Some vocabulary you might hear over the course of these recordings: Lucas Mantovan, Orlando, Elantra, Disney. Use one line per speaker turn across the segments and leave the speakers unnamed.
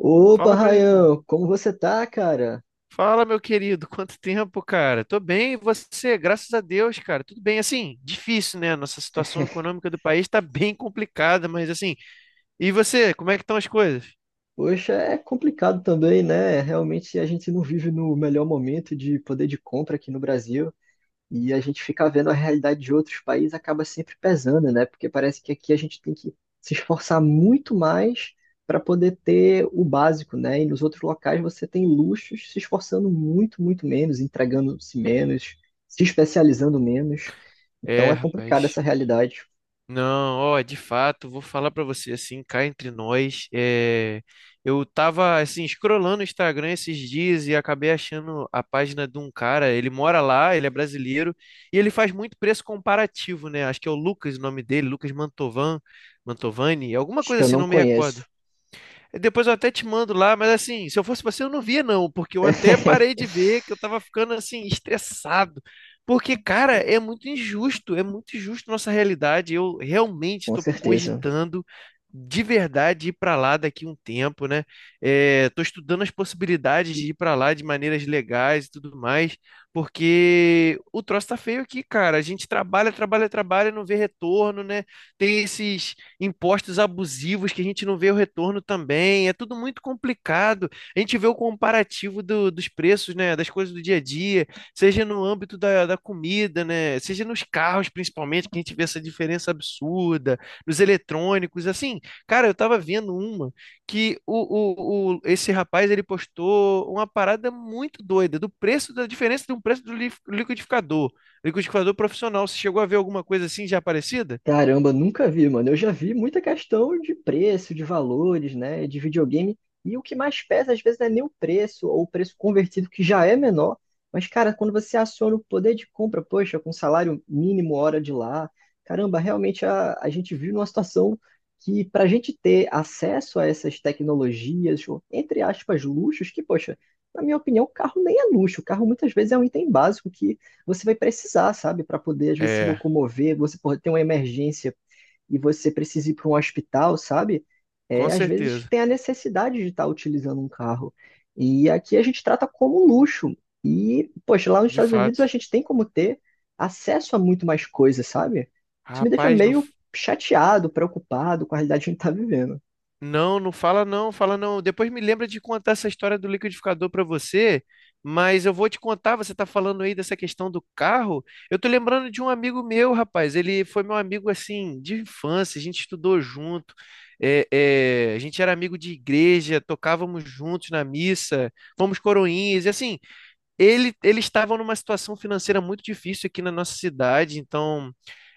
Opa,
Fala, meu irmão.
Rayan, como você tá, cara?
Fala, meu querido. Quanto tempo, cara? Tô bem, e você? Graças a Deus, cara. Tudo bem. Assim, difícil, né? Nossa situação econômica do país tá bem complicada, mas assim. E você? Como é que estão as coisas?
Poxa, é complicado também, né? Realmente a gente não vive no melhor momento de poder de compra aqui no Brasil e a gente ficar vendo a realidade de outros países acaba sempre pesando, né? Porque parece que aqui a gente tem que se esforçar muito mais para poder ter o básico, né? E nos outros locais você tem luxos se esforçando muito, muito menos, entregando-se menos, se especializando menos. Então
É,
é complicada
rapaz.
essa realidade.
Não, ó, de fato, vou falar pra você assim, cá entre nós, eu tava assim escrolando o Instagram esses dias e acabei achando a página de um cara, ele mora lá, ele é brasileiro e ele faz muito preço comparativo, né? Acho que é o Lucas, o nome dele, Mantovani, alguma
Acho
coisa
que eu
assim,
não
não me recordo.
conheço.
Depois eu até te mando lá, mas assim, se eu fosse você, eu não via, não, porque eu até parei de ver que eu tava ficando assim, estressado. Porque, cara, é muito injusto nossa realidade. Eu realmente
Com
estou
certeza.
cogitando de verdade ir para lá daqui um tempo, né? Estou estudando as possibilidades de ir para lá de maneiras legais e tudo mais, porque o troço tá feio aqui, cara. A gente trabalha, trabalha, trabalha, e não vê retorno, né? Tem esses impostos abusivos que a gente não vê o retorno também. É tudo muito complicado. A gente vê o comparativo dos preços, né, das coisas do dia a dia, seja no âmbito da comida, né, seja nos carros, principalmente, que a gente vê essa diferença absurda, nos eletrônicos, assim. Cara, eu tava vendo uma que esse rapaz ele postou uma parada muito doida do preço, da diferença de um preço do liquidificador. Liquidificador profissional. Você chegou a ver alguma coisa assim já parecida?
Caramba, nunca vi, mano. Eu já vi muita questão de preço, de valores, né, de videogame. E o que mais pesa, às vezes, não é nem o preço ou o preço convertido, que já é menor. Mas, cara, quando você aciona o poder de compra, poxa, com salário mínimo, hora de lá, caramba, realmente a gente vive numa situação que, para a gente ter acesso a essas tecnologias, ou, entre aspas, luxos, que, poxa, na minha opinião, o carro nem é luxo. O carro muitas vezes é um item básico que você vai precisar, sabe, para poder às vezes se
É,
locomover, você pode ter uma emergência e você precisa ir para um hospital, sabe? É,
com
às vezes
certeza.
tem a necessidade de estar utilizando um carro. E aqui a gente trata como um luxo. E, poxa, lá nos
De
Estados Unidos a
fato.
gente tem como ter acesso a muito mais coisas, sabe? Isso me deixa
Rapaz, não,
meio chateado, preocupado com a realidade que a gente está vivendo.
não, não fala não, fala não. Depois me lembra de contar essa história do liquidificador para você, mas eu vou te contar, você tá falando aí dessa questão do carro. Eu tô lembrando de um amigo meu, rapaz. Ele foi meu amigo assim de infância, a gente estudou junto. A gente era amigo de igreja, tocávamos juntos na missa, fomos coroinhas, e assim, eles estavam numa situação financeira muito difícil aqui na nossa cidade, então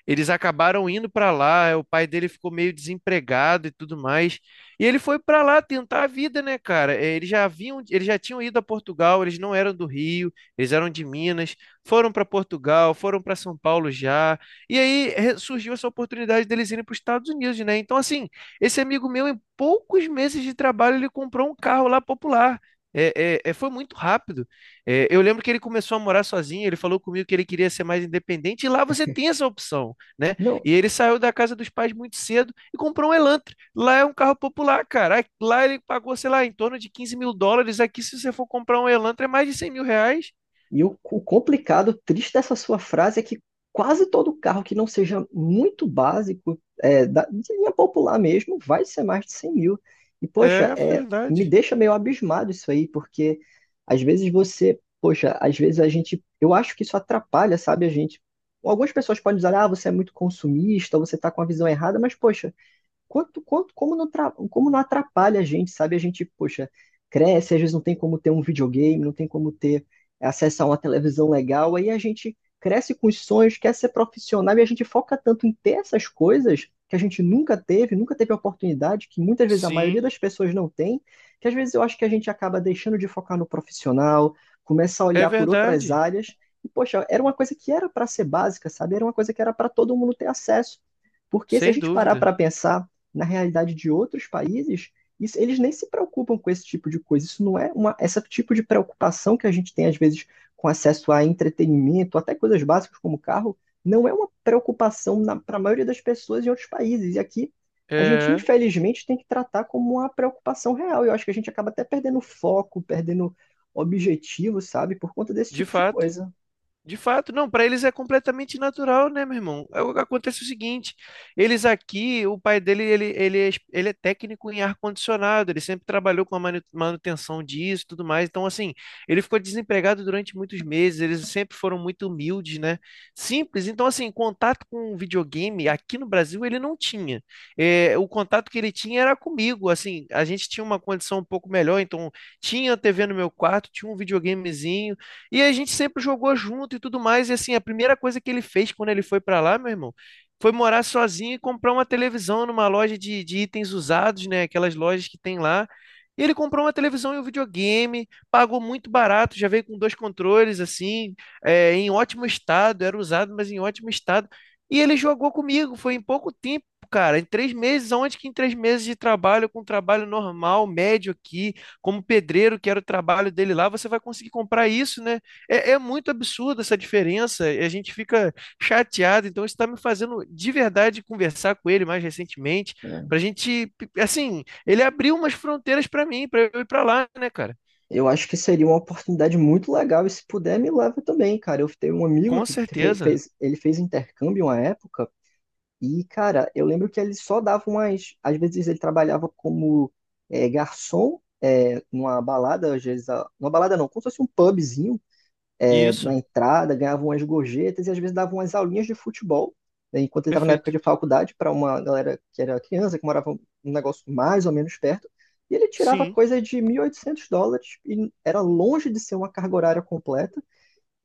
eles acabaram indo para lá. O pai dele ficou meio desempregado e tudo mais. E ele foi para lá tentar a vida, né, cara? Eles já haviam, eles já tinham ido a Portugal, eles não eram do Rio, eles eram de Minas, foram para Portugal, foram para São Paulo já. E aí surgiu essa oportunidade deles irem para os Estados Unidos, né? Então, assim, esse amigo meu, em poucos meses de trabalho, ele comprou um carro lá popular. É, foi muito rápido. É, eu lembro que ele começou a morar sozinho, ele falou comigo que ele queria ser mais independente, e lá você tem essa opção, né?
Não.
E ele saiu da casa dos pais muito cedo e comprou um Elantra. Lá é um carro popular, cara. Lá ele pagou, sei lá, em torno de 15 mil dólares. Aqui, se você for comprar um Elantra, é mais de 100 mil reais.
E o complicado, o triste dessa sua frase é que quase todo carro que não seja muito básico, é, de linha popular mesmo, vai ser mais de 100 mil. E, poxa,
É
é, me
verdade.
deixa meio abismado isso aí, porque às vezes você, poxa, às vezes a gente, eu acho que isso atrapalha, sabe, a gente. Algumas pessoas podem dizer, ah, você é muito consumista, você está com a visão errada, mas, poxa, quanto, como não, como não atrapalha a gente, sabe? A gente, poxa, cresce, às vezes não tem como ter um videogame, não tem como ter acesso a uma televisão legal, aí a gente cresce com os sonhos, quer ser profissional e a gente foca tanto em ter essas coisas que a gente nunca teve, nunca teve oportunidade, que muitas vezes a maioria
Sim,
das pessoas não tem, que às vezes eu acho que a gente acaba deixando de focar no profissional, começa a
é
olhar por outras
verdade.
áreas. E, poxa, era uma coisa que era para ser básica, sabe? Era uma coisa que era para todo mundo ter acesso. Porque se a
Sem
gente parar
dúvida.
para pensar, na realidade de outros países, isso, eles nem se preocupam com esse tipo de coisa. Isso não é uma, esse tipo de preocupação que a gente tem, às vezes, com acesso a entretenimento, até coisas básicas como carro, não é uma preocupação para a maioria das pessoas em outros países. E aqui, a gente,
É,
infelizmente, tem que tratar como uma preocupação real. E eu acho que a gente acaba até perdendo foco, perdendo objetivo, sabe, por conta desse
de
tipo de
fato.
coisa.
De fato, não, para eles é completamente natural, né, meu irmão? Acontece o seguinte, eles aqui, o pai dele, ele é técnico em ar-condicionado, ele sempre trabalhou com a manutenção disso e tudo mais, então, assim, ele ficou desempregado durante muitos meses, eles sempre foram muito humildes, né? Simples, então, assim, contato com videogame aqui no Brasil ele não tinha. É, o contato que ele tinha era comigo, assim, a gente tinha uma condição um pouco melhor, então, tinha TV no meu quarto, tinha um videogamezinho, e a gente sempre jogou junto e tudo mais. E assim, a primeira coisa que ele fez quando ele foi para lá, meu irmão, foi morar sozinho e comprar uma televisão numa loja de itens usados, né? Aquelas lojas que tem lá. E ele comprou uma televisão e um videogame, pagou muito barato, já veio com dois controles, assim, em ótimo estado, era usado, mas em ótimo estado. E ele jogou comigo, foi em pouco tempo, cara, em três meses, onde que em três meses de trabalho, com um trabalho normal, médio aqui, como pedreiro, que era o trabalho dele lá, você vai conseguir comprar isso, né? É, é muito absurda essa diferença e a gente fica chateado. Então, isso está me fazendo de verdade conversar com ele mais recentemente,
É.
para a gente, assim, ele abriu umas fronteiras para mim, para eu ir para lá, né, cara?
Eu acho que seria uma oportunidade muito legal e se puder me leva também, cara. Eu tenho um amigo
Com
que fe-
certeza.
fez, ele fez intercâmbio uma época e, cara, eu lembro que ele só dava umas, às vezes ele trabalhava como garçom numa balada, às vezes, numa balada não, como se fosse um pubzinho na
Isso,
entrada, ganhavam umas gorjetas e às vezes davam umas aulinhas de futebol, né, enquanto ele estava na época
perfeito.
de faculdade, para uma galera que era criança, que morava um negócio mais ou menos perto, e ele tirava
Sim,
coisa de US$ 1.800 e era longe de ser uma carga horária completa.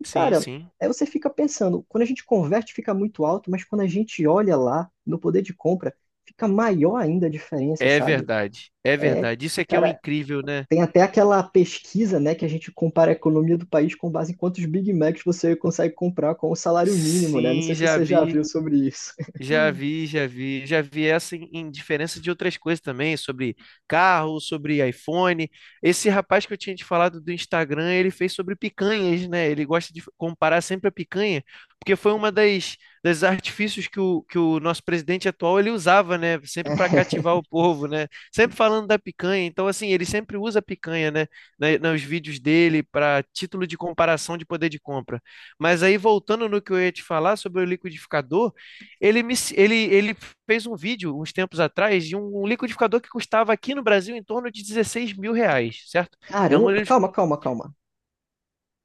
E,
sim,
cara,
sim.
aí você fica pensando, quando a gente converte fica muito alto, mas quando a gente olha lá no poder de compra, fica maior ainda a diferença,
É
sabe?
verdade, é
É,
verdade. Isso é que é o
cara,
incrível, né?
tem até aquela pesquisa, né, que a gente compara a economia do país com base em quantos Big Macs você consegue comprar com o salário mínimo, né? Não
Sim,
sei se
já
você já viu
vi.
sobre isso.
Já vi, já vi, já vi essa em diferença de outras coisas também, sobre carro, sobre iPhone. Esse rapaz que eu tinha te falado do Instagram, ele fez sobre picanhas, né? Ele gosta de comparar sempre a picanha, porque foi uma das, das artifícios que que o nosso presidente atual ele usava, né? Sempre para cativar o povo, né? Sempre falando da picanha. Então, assim, ele sempre usa a picanha, né? Nos vídeos dele, para título de comparação de poder de compra. Mas aí, voltando no que eu ia te falar sobre o liquidificador. Ele fez um vídeo uns tempos atrás de um liquidificador que custava aqui no Brasil em torno de R$ 16.000, certo? É um
Caramba,
liquidificador.
calma, calma, calma,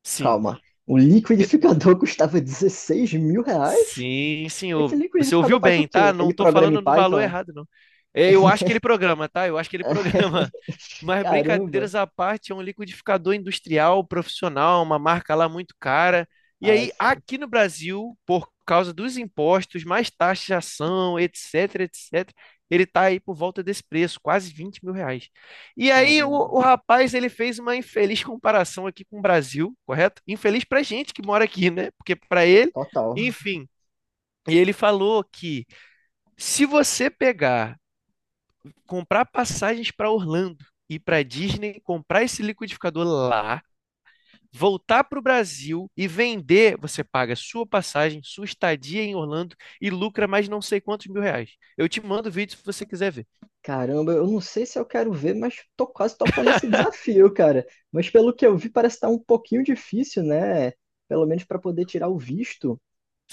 Sim.
calma. O liquidificador custava 16 mil reais?
Sim,
Esse
senhor. Você
liquidificador
ouviu
faz o
bem, tá?
quê?
Não
Ele
tô
programa em
falando no valor
Python, é?
errado, não. É, eu acho que ele programa, tá? Eu acho que ele programa. Mas
Caramba.
brincadeiras à parte, é um liquidificador industrial, profissional, uma marca lá muito cara. E
Ah,
aí,
sim,
aqui no Brasil, por causa dos impostos, mais taxação, etc, etc, ele tá aí por volta desse preço, quase R$ 20.000. E aí,
caramba.
o rapaz, ele fez uma infeliz comparação aqui com o Brasil, correto? Infeliz pra gente que mora aqui, né? Porque pra
Co-
ele,
Total.
enfim. E ele falou que se você pegar, comprar passagens para Orlando e para Disney, comprar esse liquidificador lá, voltar para o Brasil e vender, você paga sua passagem, sua estadia em Orlando e lucra mais não sei quantos mil reais. Eu te mando o vídeo se você quiser ver.
Caramba, eu não sei se eu quero ver, mas tô quase topando esse desafio, cara. Mas pelo que eu vi, parece estar um pouquinho difícil, né? Pelo menos para poder tirar o visto.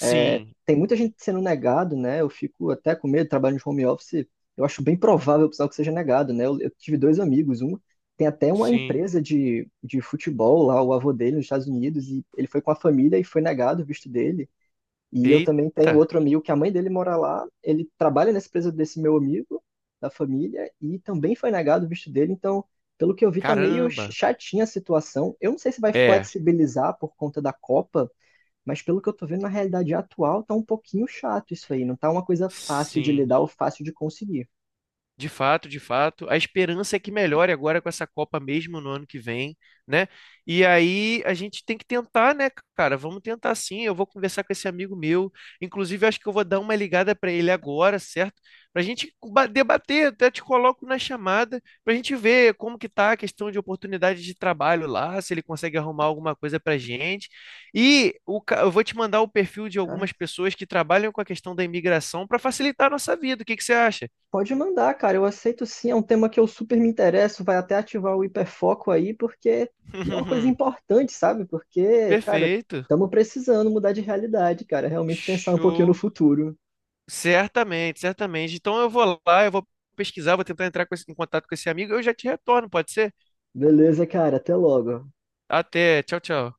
É, tem muita gente sendo negado, né? Eu fico até com medo, trabalho de home office. Eu acho bem provável, pessoal, que seja negado, né? Eu tive dois amigos, um tem até uma
sim.
empresa de futebol lá, o avô dele nos Estados Unidos, e ele foi com a família e foi negado o visto dele. E eu também
Eita,
tenho outro amigo que a mãe dele mora lá, ele trabalha nessa empresa desse meu amigo, da família, e também foi negado o visto dele, então, pelo que eu vi, tá meio
caramba.
chatinha a situação. Eu não sei se vai
É,
flexibilizar por conta da Copa, mas pelo que eu tô vendo na realidade atual, tá um pouquinho chato isso aí, não tá uma coisa fácil de
sim.
lidar ou fácil de conseguir.
De fato, de fato. A esperança é que melhore agora com essa Copa mesmo no ano que vem, né? E aí a gente tem que tentar, né, cara? Vamos tentar sim. Eu vou conversar com esse amigo meu. Inclusive, acho que eu vou dar uma ligada para ele agora, certo? Para a gente debater, até te coloco na chamada, para a gente ver como que tá a questão de oportunidade de trabalho lá, se ele consegue arrumar alguma coisa para gente. E o eu vou te mandar o perfil de
Cara,
algumas pessoas que trabalham com a questão da imigração para facilitar a nossa vida. O que que você acha?
pode mandar, cara, eu aceito sim, é um tema que eu super me interesso, vai até ativar o hiperfoco aí, porque é uma coisa importante, sabe? Porque, cara,
Perfeito.
estamos precisando mudar de realidade, cara, realmente pensar um pouquinho no
Show.
futuro.
Certamente, certamente. Então eu vou lá, eu vou pesquisar, vou tentar entrar com em contato com esse amigo. Eu já te retorno, pode ser?
Beleza, cara, até logo.
Até. Tchau, tchau.